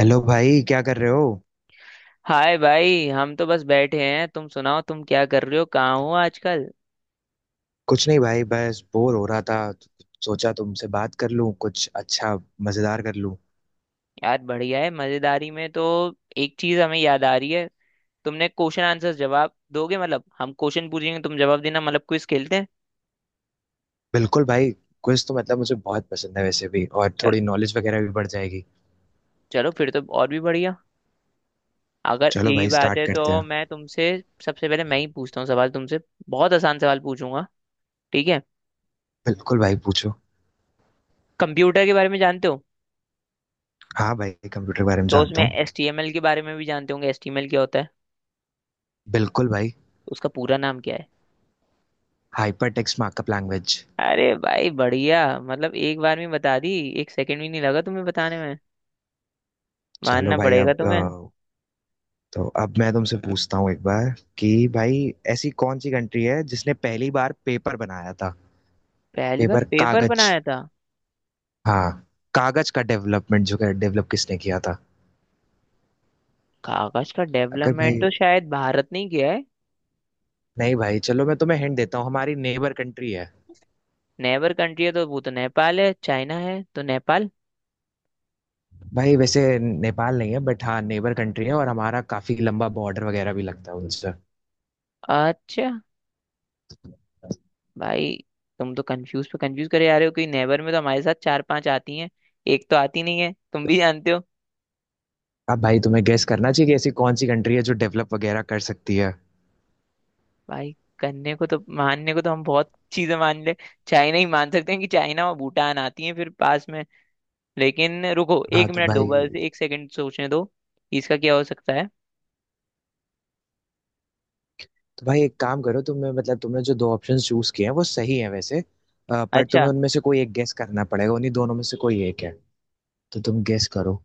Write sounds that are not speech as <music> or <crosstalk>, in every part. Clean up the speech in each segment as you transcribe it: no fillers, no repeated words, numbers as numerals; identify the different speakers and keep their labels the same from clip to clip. Speaker 1: Hello भाई, क्या कर रहे हो।
Speaker 2: हाय भाई, हम तो बस बैठे हैं। तुम सुनाओ, तुम क्या कर रहे हो, कहाँ हो आजकल।
Speaker 1: कुछ नहीं भाई, बस बोर हो रहा था तो सोचा तुमसे बात कर लूं, कुछ अच्छा मजेदार कर लूं।
Speaker 2: यार बढ़िया है। मजेदारी में तो एक चीज हमें याद आ रही है। तुमने क्वेश्चन आंसर जवाब दोगे? मतलब हम क्वेश्चन पूछेंगे, तुम जवाब देना। मतलब क्विज खेलते हैं।
Speaker 1: बिल्कुल भाई। क्विज तो मतलब मुझे बहुत पसंद है वैसे भी, और
Speaker 2: चलो।
Speaker 1: थोड़ी नॉलेज वगैरह भी बढ़ जाएगी।
Speaker 2: चलो फिर तो और भी बढ़िया। अगर
Speaker 1: चलो
Speaker 2: यही
Speaker 1: भाई,
Speaker 2: बात
Speaker 1: स्टार्ट
Speaker 2: है
Speaker 1: करते
Speaker 2: तो
Speaker 1: हैं।
Speaker 2: मैं तुमसे, सबसे पहले मैं ही पूछता हूँ सवाल तुमसे। बहुत आसान सवाल पूछूंगा। ठीक है?
Speaker 1: बिल्कुल भाई, पूछो।
Speaker 2: कंप्यूटर के बारे में जानते हो?
Speaker 1: हाँ भाई, कंप्यूटर के बारे में
Speaker 2: तो उसमें
Speaker 1: जानता हूँ।
Speaker 2: एच टी एम एल के बारे में भी जानते होंगे। एच टी एम एल क्या होता है?
Speaker 1: बिल्कुल भाई।
Speaker 2: उसका पूरा नाम क्या है?
Speaker 1: Hyper text markup language.
Speaker 2: अरे भाई बढ़िया, मतलब एक बार में बता दी। एक सेकंड भी नहीं लगा तुम्हें बताने में।
Speaker 1: चलो
Speaker 2: मानना
Speaker 1: भाई
Speaker 2: पड़ेगा
Speaker 1: अब
Speaker 2: तुम्हें।
Speaker 1: तो अब मैं तुमसे पूछता हूँ एक बार कि भाई, ऐसी कौन सी कंट्री है जिसने पहली बार पेपर बनाया था।
Speaker 2: पहली बार
Speaker 1: पेपर,
Speaker 2: पेपर
Speaker 1: कागज।
Speaker 2: बनाया था?
Speaker 1: हाँ, कागज का डेवलपमेंट जो है, डेवलप किसने किया था।
Speaker 2: कागज का
Speaker 1: अगर भाई,
Speaker 2: डेवलपमेंट
Speaker 1: हाँ।
Speaker 2: तो शायद भारत ने ही किया है।
Speaker 1: नहीं भाई, चलो मैं तुम्हें हिंट देता हूँ, हमारी नेबर कंट्री है।
Speaker 2: नेबर कंट्री है तो वो तो नेपाल है, चाइना है। तो नेपाल।
Speaker 1: भाई वैसे नेपाल नहीं है बट हाँ, नेबर कंट्री है और हमारा काफी लंबा बॉर्डर वगैरह भी लगता है उनसे।
Speaker 2: अच्छा। भाई, तुम तो कंफ्यूज पे कंफ्यूज करे जा रहे हो। कि नेबर में तो हमारे साथ चार पांच आती हैं। एक तो आती नहीं है, तुम भी जानते हो।
Speaker 1: अब भाई तुम्हें गेस करना चाहिए कि ऐसी कौन सी कंट्री है जो डेवलप वगैरह कर सकती है।
Speaker 2: भाई करने को तो, मानने को तो हम बहुत चीजें मान ले। चाइना ही मान सकते हैं, कि चाइना और भूटान आती हैं फिर पास में। लेकिन रुको
Speaker 1: हाँ
Speaker 2: एक
Speaker 1: तो
Speaker 2: मिनट दो,
Speaker 1: भाई,
Speaker 2: बस एक सेकंड सोचने दो। इसका क्या हो सकता है?
Speaker 1: एक काम करो, तुम्हें मतलब तुमने जो दो ऑप्शन चूज किए हैं वो सही है वैसे, पर
Speaker 2: अच्छा।
Speaker 1: तुम्हें उनमें से कोई एक गेस करना पड़ेगा, उन्हीं दोनों में से कोई एक है। तो तुम गेस करो।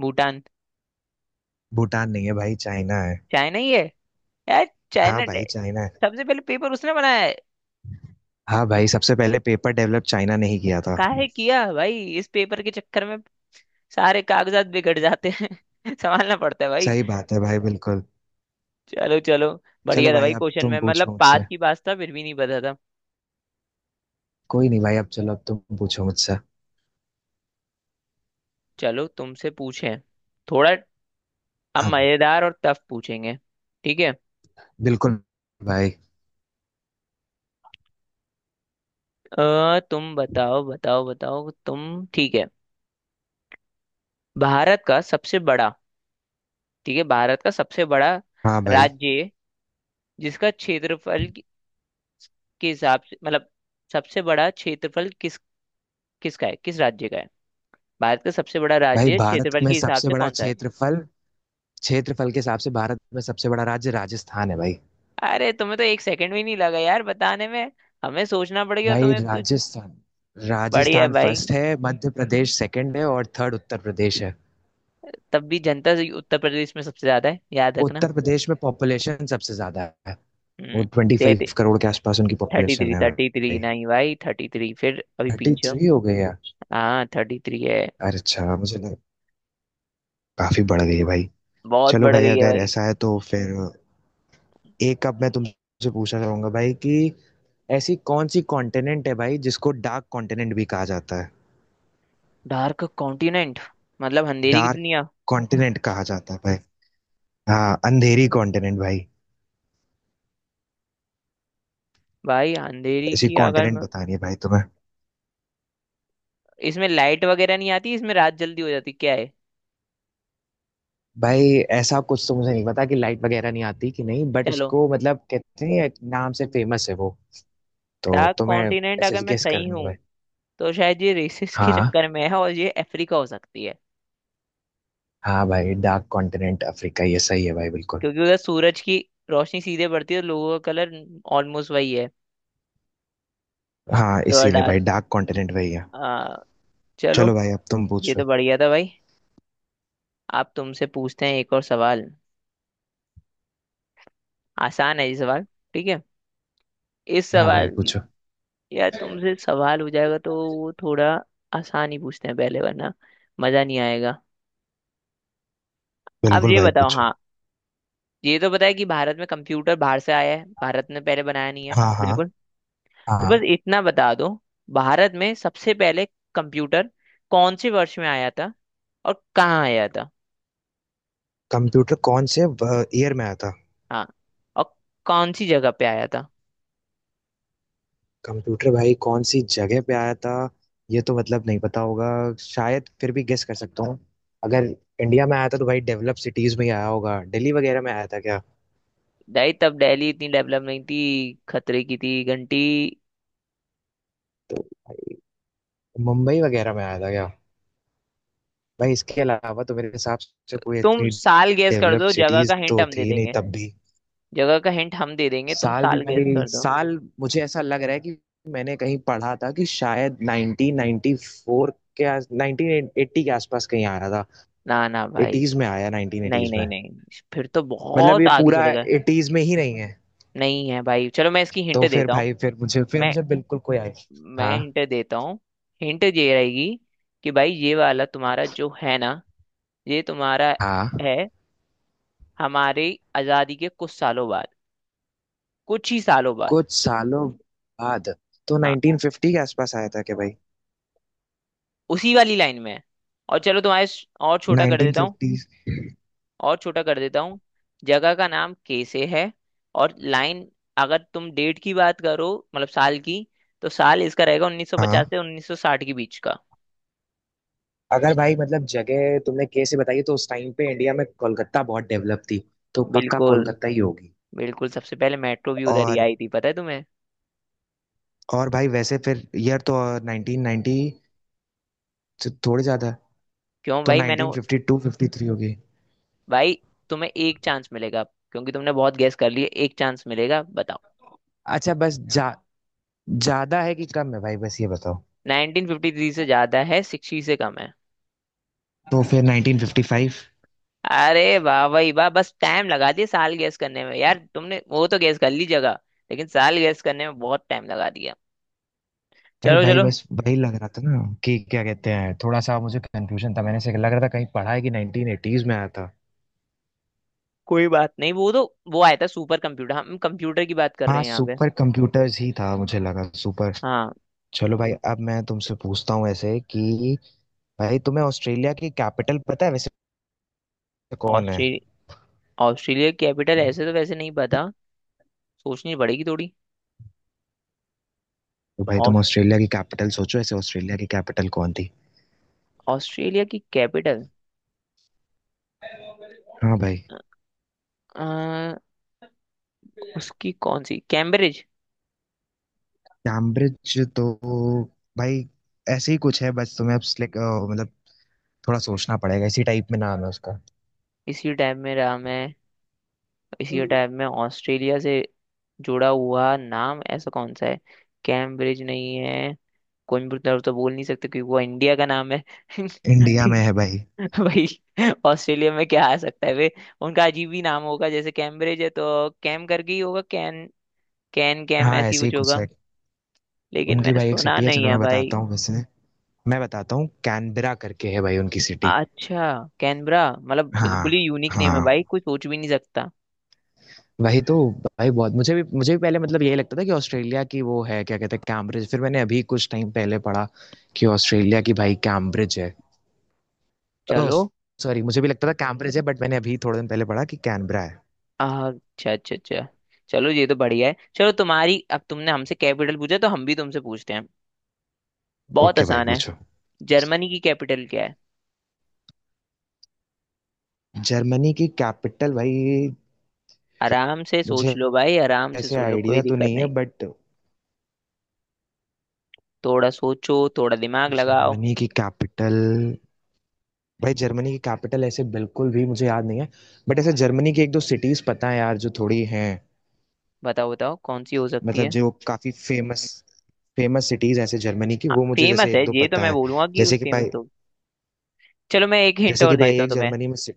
Speaker 2: भूटान।
Speaker 1: भूटान नहीं है भाई, चाइना है।
Speaker 2: चाइना ही है। यार।
Speaker 1: हाँ
Speaker 2: चाइना डे-
Speaker 1: भाई, चाइना है।
Speaker 2: सबसे पहले पेपर उसने बनाया है।
Speaker 1: हाँ भाई, सबसे पहले पेपर डेवलप चाइना ने ही किया था।
Speaker 2: काहे किया भाई इस पेपर के चक्कर में। सारे कागजात बिगड़ जाते हैं <laughs> संभालना पड़ता है भाई।
Speaker 1: सही बात है भाई, बिल्कुल।
Speaker 2: चलो चलो।
Speaker 1: चलो
Speaker 2: बढ़िया था
Speaker 1: भाई,
Speaker 2: भाई
Speaker 1: अब
Speaker 2: क्वेश्चन
Speaker 1: तुम
Speaker 2: में, मतलब
Speaker 1: पूछो मुझसे।
Speaker 2: पास की पास था फिर भी नहीं पता था।
Speaker 1: कोई नहीं भाई, अब चलो अब तुम पूछो मुझसे।
Speaker 2: चलो तुमसे पूछे, थोड़ा अब
Speaker 1: हाँ।
Speaker 2: मजेदार और टफ पूछेंगे। ठीक है?
Speaker 1: बिल्कुल भाई।
Speaker 2: तुम बताओ बताओ बताओ। तुम ठीक है? भारत का सबसे बड़ा। ठीक है, भारत का सबसे बड़ा
Speaker 1: हाँ भाई।
Speaker 2: राज्य है, जिसका के हिसाब से, मतलब सबसे बड़ा क्षेत्रफल किसका है, किस राज्य का है। भारत का सबसे बड़ा
Speaker 1: भाई
Speaker 2: राज्य
Speaker 1: भारत
Speaker 2: क्षेत्रफल
Speaker 1: में
Speaker 2: के हिसाब
Speaker 1: सबसे
Speaker 2: से
Speaker 1: बड़ा
Speaker 2: कौन सा है?
Speaker 1: क्षेत्रफल क्षेत्रफल के हिसाब से भारत में सबसे बड़ा राज्य राजस्थान है भाई।
Speaker 2: अरे तुम्हें तो एक सेकंड भी नहीं लगा यार बताने में। हमें सोचना पड़ गया,
Speaker 1: भाई
Speaker 2: तुम्हें कुछ।
Speaker 1: राजस्थान
Speaker 2: बढ़िया है
Speaker 1: राजस्थान
Speaker 2: भाई।
Speaker 1: फर्स्ट है, मध्य प्रदेश सेकंड है और थर्ड उत्तर प्रदेश है।
Speaker 2: तब भी जनता से उत्तर प्रदेश में सबसे ज्यादा है, याद रखना।
Speaker 1: उत्तर प्रदेश में पॉपुलेशन सबसे ज्यादा है।
Speaker 2: हम्म।
Speaker 1: वो ट्वेंटी फाइव
Speaker 2: थर्टी
Speaker 1: करोड़ के आसपास उनकी पॉपुलेशन
Speaker 2: थ्री,
Speaker 1: है
Speaker 2: थर्टी थ्री
Speaker 1: भाई।
Speaker 2: नहीं भाई, थर्टी थ्री फिर अभी
Speaker 1: थर्टी
Speaker 2: पीछे हो।
Speaker 1: थ्री हो गई है।
Speaker 2: हाँ थर्टी थ्री है।
Speaker 1: अरे अच्छा, मुझे लगा काफी बढ़ गई है भाई।
Speaker 2: बहुत
Speaker 1: चलो
Speaker 2: बढ़
Speaker 1: भाई,
Speaker 2: गई है
Speaker 1: अगर
Speaker 2: भाई।
Speaker 1: ऐसा है तो फिर एक अब मैं तुमसे पूछना चाहूंगा भाई, कि ऐसी कौन सी कॉन्टिनेंट है भाई जिसको डार्क कॉन्टिनेंट भी कहा जाता है।
Speaker 2: डार्क कॉन्टिनेंट मतलब अंधेरी की
Speaker 1: डार्क
Speaker 2: दुनिया।
Speaker 1: कॉन्टिनेंट कहा जाता है भाई। हाँ, अंधेरी कॉन्टिनेंट भाई।
Speaker 2: भाई अंधेरी
Speaker 1: ऐसी
Speaker 2: की अगर
Speaker 1: कॉन्टिनेंट
Speaker 2: मैं-
Speaker 1: बतानी है भाई तुम्हें।
Speaker 2: इसमें लाइट वगैरह नहीं आती, इसमें रात जल्दी हो जाती क्या है?
Speaker 1: भाई ऐसा कुछ तो मुझे नहीं पता कि लाइट वगैरह नहीं आती कि नहीं, बट
Speaker 2: चलो।
Speaker 1: उसको मतलब कहते हैं, एक नाम से फेमस है वो। तो
Speaker 2: डार्क
Speaker 1: तुम्हें
Speaker 2: कॉन्टिनेंट अगर
Speaker 1: ऐसे
Speaker 2: मैं
Speaker 1: गेस
Speaker 2: सही
Speaker 1: करनी है
Speaker 2: हूँ,
Speaker 1: भाई।
Speaker 2: तो शायद ये रेसिस के
Speaker 1: हाँ।
Speaker 2: चक्कर में है और ये अफ्रीका हो सकती है।
Speaker 1: हाँ भाई, डार्क कॉन्टिनेंट अफ्रीका, ये सही है भाई, बिल्कुल।
Speaker 2: क्योंकि उधर सूरज की रोशनी सीधे पड़ती है और लोगों का कलर ऑलमोस्ट वही है।
Speaker 1: हाँ,
Speaker 2: तो
Speaker 1: इसीलिए
Speaker 2: डार्क।
Speaker 1: भाई डार्क कॉन्टिनेंट वही है।
Speaker 2: आ,
Speaker 1: चलो
Speaker 2: चलो।
Speaker 1: भाई, अब तुम
Speaker 2: ये तो
Speaker 1: पूछो।
Speaker 2: बढ़िया था भाई। आप तुमसे पूछते हैं एक और सवाल। आसान है ये सवाल। ठीक है? इस
Speaker 1: हाँ भाई,
Speaker 2: सवाल,
Speaker 1: पूछो।
Speaker 2: यार तुमसे सवाल हो जाएगा तो वो थोड़ा आसान ही पूछते हैं पहले, वरना मजा नहीं आएगा। अब
Speaker 1: बिल्कुल
Speaker 2: ये
Speaker 1: भाई,
Speaker 2: बताओ।
Speaker 1: पूछो।
Speaker 2: हाँ। ये तो पता है कि भारत में कंप्यूटर बाहर से आया है, भारत ने पहले बनाया नहीं है
Speaker 1: हाँ हाँ।
Speaker 2: बिल्कुल। तो
Speaker 1: हाँ।
Speaker 2: बस इतना बता दो, भारत में सबसे पहले कंप्यूटर कौन से वर्ष में आया था और कहाँ आया था।
Speaker 1: कंप्यूटर कौन से ईयर में आया था।
Speaker 2: हाँ और कौन सी जगह पे आया था।
Speaker 1: कंप्यूटर भाई कौन सी जगह पे आया था, ये तो मतलब नहीं पता होगा, शायद फिर भी गेस कर सकता हूँ। अगर इंडिया में आया था तो भाई डेवलप सिटीज में ही आया होगा, दिल्ली वगैरह में आया था क्या।
Speaker 2: दाई, तब दिल्ली इतनी डेवलप नहीं थी, खतरे की थी घंटी।
Speaker 1: तो भाई, मुंबई वगैरह में आया था क्या। भाई इसके अलावा तो मेरे हिसाब से कोई
Speaker 2: तुम
Speaker 1: इतनी
Speaker 2: साल गैस कर
Speaker 1: डेवलप
Speaker 2: दो, जगह का
Speaker 1: सिटीज
Speaker 2: हिंट
Speaker 1: तो
Speaker 2: हम दे
Speaker 1: थी नहीं
Speaker 2: देंगे।
Speaker 1: तब भी।
Speaker 2: जगह का हिंट हम दे देंगे, तुम
Speaker 1: साल भी
Speaker 2: साल गैस
Speaker 1: भाई,
Speaker 2: कर दो।
Speaker 1: साल मुझे ऐसा लग रहा है कि मैंने कहीं पढ़ा था कि शायद 1994 के आस 1980 के आसपास कहीं आया था।
Speaker 2: ना ना भाई।
Speaker 1: 80s में आया,
Speaker 2: नहीं
Speaker 1: 1980s
Speaker 2: नहीं
Speaker 1: में,
Speaker 2: नहीं, फिर तो
Speaker 1: मतलब
Speaker 2: बहुत
Speaker 1: ये
Speaker 2: आगे
Speaker 1: पूरा
Speaker 2: चले गए।
Speaker 1: 80s में ही नहीं है।
Speaker 2: नहीं है भाई, चलो मैं इसकी हिंट
Speaker 1: तो फिर
Speaker 2: देता हूँ।
Speaker 1: भाई, फिर मुझे फिर
Speaker 2: मैं
Speaker 1: मुझे बिल्कुल कोई आइडिया।
Speaker 2: मैं
Speaker 1: हाँ।
Speaker 2: हिंट देता हूँ। हिंट ये रहेगी, कि भाई ये वाला तुम्हारा जो है ना, ये तुम्हारा
Speaker 1: हाँ,
Speaker 2: है। हमारी आज़ादी के कुछ सालों बाद, कुछ ही सालों बाद।
Speaker 1: कुछ सालों बाद तो
Speaker 2: हाँ,
Speaker 1: 1950 के आसपास आया था क्या भाई।
Speaker 2: उसी वाली लाइन में है। और छोटा कर देता हूँ।
Speaker 1: 1950।
Speaker 2: और छोटा कर देता हूँ। जगह का नाम के से है। और लाइन, अगर तुम डेट की बात करो, मतलब साल की, तो साल इसका रहेगा 1950
Speaker 1: हाँ।
Speaker 2: से 1960 के बीच का।
Speaker 1: अगर भाई मतलब जगह तुमने कैसे बताई है, तो उस टाइम पे इंडिया में कोलकाता बहुत डेवलप थी, तो पक्का
Speaker 2: बिल्कुल
Speaker 1: कोलकाता ही होगी।
Speaker 2: बिल्कुल। सबसे पहले मेट्रो भी उधर ही
Speaker 1: और
Speaker 2: आई थी, पता है तुम्हें?
Speaker 1: भाई वैसे फिर ईयर तो 1990 से थोड़े ज़्यादा है,
Speaker 2: क्यों
Speaker 1: तो
Speaker 2: भाई मैंने
Speaker 1: नाइनटीन
Speaker 2: वो-
Speaker 1: फिफ्टी टू 53 होगी।
Speaker 2: भाई तुम्हें एक चांस मिलेगा। क्योंकि तुमने बहुत गैस कर लिए, एक चांस मिलेगा, बताओ।
Speaker 1: अच्छा बस जा ज़्यादा है कि कम है भाई, बस ये बताओ।
Speaker 2: 1953 से ज्यादा है, 60 से कम है।
Speaker 1: तो फिर 1955।
Speaker 2: अरे वाह भाई वाह, बस टाइम लगा दिया साल गैस करने में यार। तुमने वो तो गैस कर ली जगह, लेकिन साल गैस करने में बहुत टाइम लगा दिया।
Speaker 1: अरे
Speaker 2: चलो
Speaker 1: भाई,
Speaker 2: चलो।
Speaker 1: बस वही लग रहा था ना, कि क्या कहते हैं, थोड़ा सा मुझे कंफ्यूजन था, मैंने से लग रहा था कहीं पढ़ा है कि 1980s में आया था।
Speaker 2: कोई बात नहीं। वो तो, वो आया था सुपर कंप्यूटर, हम कंप्यूटर की बात कर रहे
Speaker 1: हाँ,
Speaker 2: हैं यहाँ पे।
Speaker 1: सुपर कंप्यूटर्स ही था, मुझे लगा सुपर।
Speaker 2: हाँ।
Speaker 1: चलो भाई, अब मैं तुमसे पूछता हूँ ऐसे कि, भाई तुम्हें ऑस्ट्रेलिया की कैपिटल पता है वैसे, कौन है।
Speaker 2: ऑस्ट्रेलिया। ऑस्ट्रेलिया कैपिटल ऐसे तो वैसे नहीं पता, सोचनी पड़ेगी थोड़ी।
Speaker 1: तो भाई, तुम
Speaker 2: ऑस-
Speaker 1: ऑस्ट्रेलिया की कैपिटल सोचो, ऐसे ऑस्ट्रेलिया की कैपिटल कौन थी।
Speaker 2: ऑस्ट्रेलिया की कैपिटल।
Speaker 1: हाँ भाई।
Speaker 2: अ, उसकी कौन सी, कैम्ब्रिज?
Speaker 1: कैम्ब्रिज तो भाई ऐसे ही कुछ है, बस तुम्हें अब मतलब थोड़ा सोचना पड़ेगा, इसी टाइप में नाम है उसका।
Speaker 2: इसी टाइप में रहा मैं, इसी
Speaker 1: हम्म।
Speaker 2: टाइप में। ऑस्ट्रेलिया से जुड़ा हुआ नाम ऐसा कौन सा है? कैम्ब्रिज नहीं है। कोयम्बटूर तो बोल नहीं सकते, क्योंकि वो इंडिया का नाम है <laughs>
Speaker 1: इंडिया में
Speaker 2: ठीक।
Speaker 1: है भाई।
Speaker 2: <laughs> भाई ऑस्ट्रेलिया में क्या आ सकता है वे। उनका अजीब ही नाम होगा, जैसे कैम्ब्रिज है, तो कैम करके ही होगा। कैन कैन कैम
Speaker 1: हाँ,
Speaker 2: ऐसी
Speaker 1: ऐसे ही
Speaker 2: कुछ
Speaker 1: कुछ
Speaker 2: होगा।
Speaker 1: है।
Speaker 2: लेकिन
Speaker 1: उनकी
Speaker 2: मैंने
Speaker 1: भाई एक
Speaker 2: सुना
Speaker 1: सिटी है,
Speaker 2: नहीं
Speaker 1: चलो
Speaker 2: है
Speaker 1: मैं
Speaker 2: भाई।
Speaker 1: बताता हूँ वैसे, मैं बताता हूँ कैनबरा करके है भाई, उनकी सिटी।
Speaker 2: अच्छा। कैनबरा मतलब बिल्कुल ही
Speaker 1: हाँ।
Speaker 2: यूनिक नेम है भाई,
Speaker 1: हाँ,
Speaker 2: कोई सोच भी नहीं सकता।
Speaker 1: वही तो। भाई बहुत मुझे भी पहले मतलब यही लगता था कि ऑस्ट्रेलिया की वो है क्या कहते हैं कैम्ब्रिज, फिर मैंने अभी कुछ टाइम पहले पढ़ा कि ऑस्ट्रेलिया की भाई कैम्ब्रिज है। ओह
Speaker 2: चलो।
Speaker 1: सॉरी, मुझे भी लगता था कैम्ब्रिज है बट मैंने अभी थोड़े दिन पहले पढ़ा कि कैनबरा है।
Speaker 2: अच्छा अच्छा अच्छा। चलो ये तो बढ़िया है। चलो तुम्हारी, अब तुमने हमसे कैपिटल पूछा तो हम भी तुमसे पूछते हैं। बहुत
Speaker 1: ओके भाई,
Speaker 2: आसान है।
Speaker 1: पूछो।
Speaker 2: जर्मनी की कैपिटल क्या है?
Speaker 1: जर्मनी की कैपिटल भाई।
Speaker 2: आराम से सोच
Speaker 1: मुझे
Speaker 2: लो भाई, आराम से
Speaker 1: ऐसे
Speaker 2: सोच लो,
Speaker 1: आइडिया
Speaker 2: कोई
Speaker 1: तो
Speaker 2: दिक्कत
Speaker 1: नहीं है,
Speaker 2: नहीं।
Speaker 1: बट
Speaker 2: थोड़ा सोचो, थोड़ा दिमाग लगाओ।
Speaker 1: जर्मनी की कैपिटल, भाई जर्मनी की कैपिटल ऐसे बिल्कुल भी मुझे याद नहीं है, बट ऐसे जर्मनी की एक दो सिटीज पता है यार, जो थोड़ी हैं।
Speaker 2: बताओ बताओ कौन सी हो सकती
Speaker 1: मतलब
Speaker 2: है।
Speaker 1: जो काफी फेमस फेमस सिटीज ऐसे जर्मनी की वो मुझे
Speaker 2: फेमस
Speaker 1: जैसे
Speaker 2: है
Speaker 1: एक दो
Speaker 2: ये तो,
Speaker 1: पता
Speaker 2: मैं
Speaker 1: है।
Speaker 2: बोलूंगा कि उस
Speaker 1: जैसे कि
Speaker 2: फेमस
Speaker 1: भाई
Speaker 2: हो। चलो मैं एक हिंट
Speaker 1: जैसे
Speaker 2: और
Speaker 1: कि भाई,
Speaker 2: देता हूँ
Speaker 1: एक
Speaker 2: तुम्हें।
Speaker 1: जर्मनी में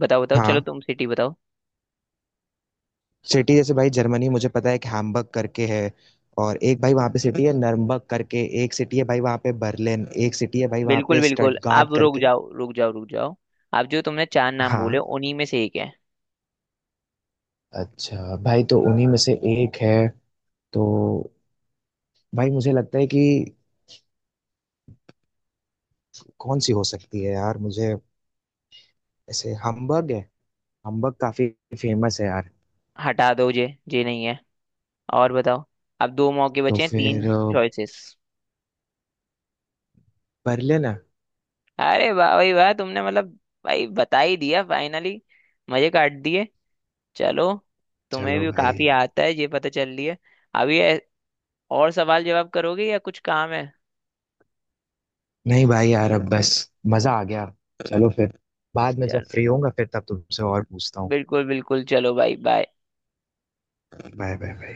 Speaker 2: बताओ बताओ, चलो
Speaker 1: हाँ,
Speaker 2: तुम सिटी बताओ।
Speaker 1: सिटी जैसे भाई जर्मनी, मुझे पता है एक हैम्बर्ग करके है, और एक भाई वहाँ पे सिटी है नर्मबर्ग करके, एक सिटी है भाई वहाँ पे बर्लिन, एक सिटी है भाई वहाँ
Speaker 2: बिल्कुल
Speaker 1: पे
Speaker 2: बिल्कुल,
Speaker 1: स्टटगार्ड
Speaker 2: अब रुक
Speaker 1: करके।
Speaker 2: जाओ रुक जाओ रुक जाओ। अब जो तुमने चार नाम बोले
Speaker 1: हाँ।
Speaker 2: उन्हीं में से एक है।
Speaker 1: अच्छा भाई, तो उन्हीं में से एक है। तो भाई मुझे लगता है कि कौन सी हो सकती है यार, मुझे ऐसे हम्बर्ग है, हम्बर्ग काफी फेमस है यार।
Speaker 2: हटा दो ये नहीं है। और बताओ। अब दो मौके
Speaker 1: तो
Speaker 2: बचे हैं, तीन
Speaker 1: फिर
Speaker 2: चॉइसेस।
Speaker 1: बर्लिन है।
Speaker 2: अरे वाह भाई वाह, तुमने मतलब, भाई बता ही दिया फाइनली। मजे काट दिए। चलो। तुम्हें
Speaker 1: चलो
Speaker 2: भी
Speaker 1: भाई।
Speaker 2: काफी आता है ये पता चल रही है। अभी ऐ- और सवाल जवाब करोगे या कुछ काम है?
Speaker 1: नहीं भाई यार, अब बस मजा आ गया। चलो फिर, बाद में जब फ्री होऊंगा फिर तब तुमसे और पूछता हूँ।
Speaker 2: बिल्कुल बिल्कुल चलो भाई बाय।
Speaker 1: Bye bye.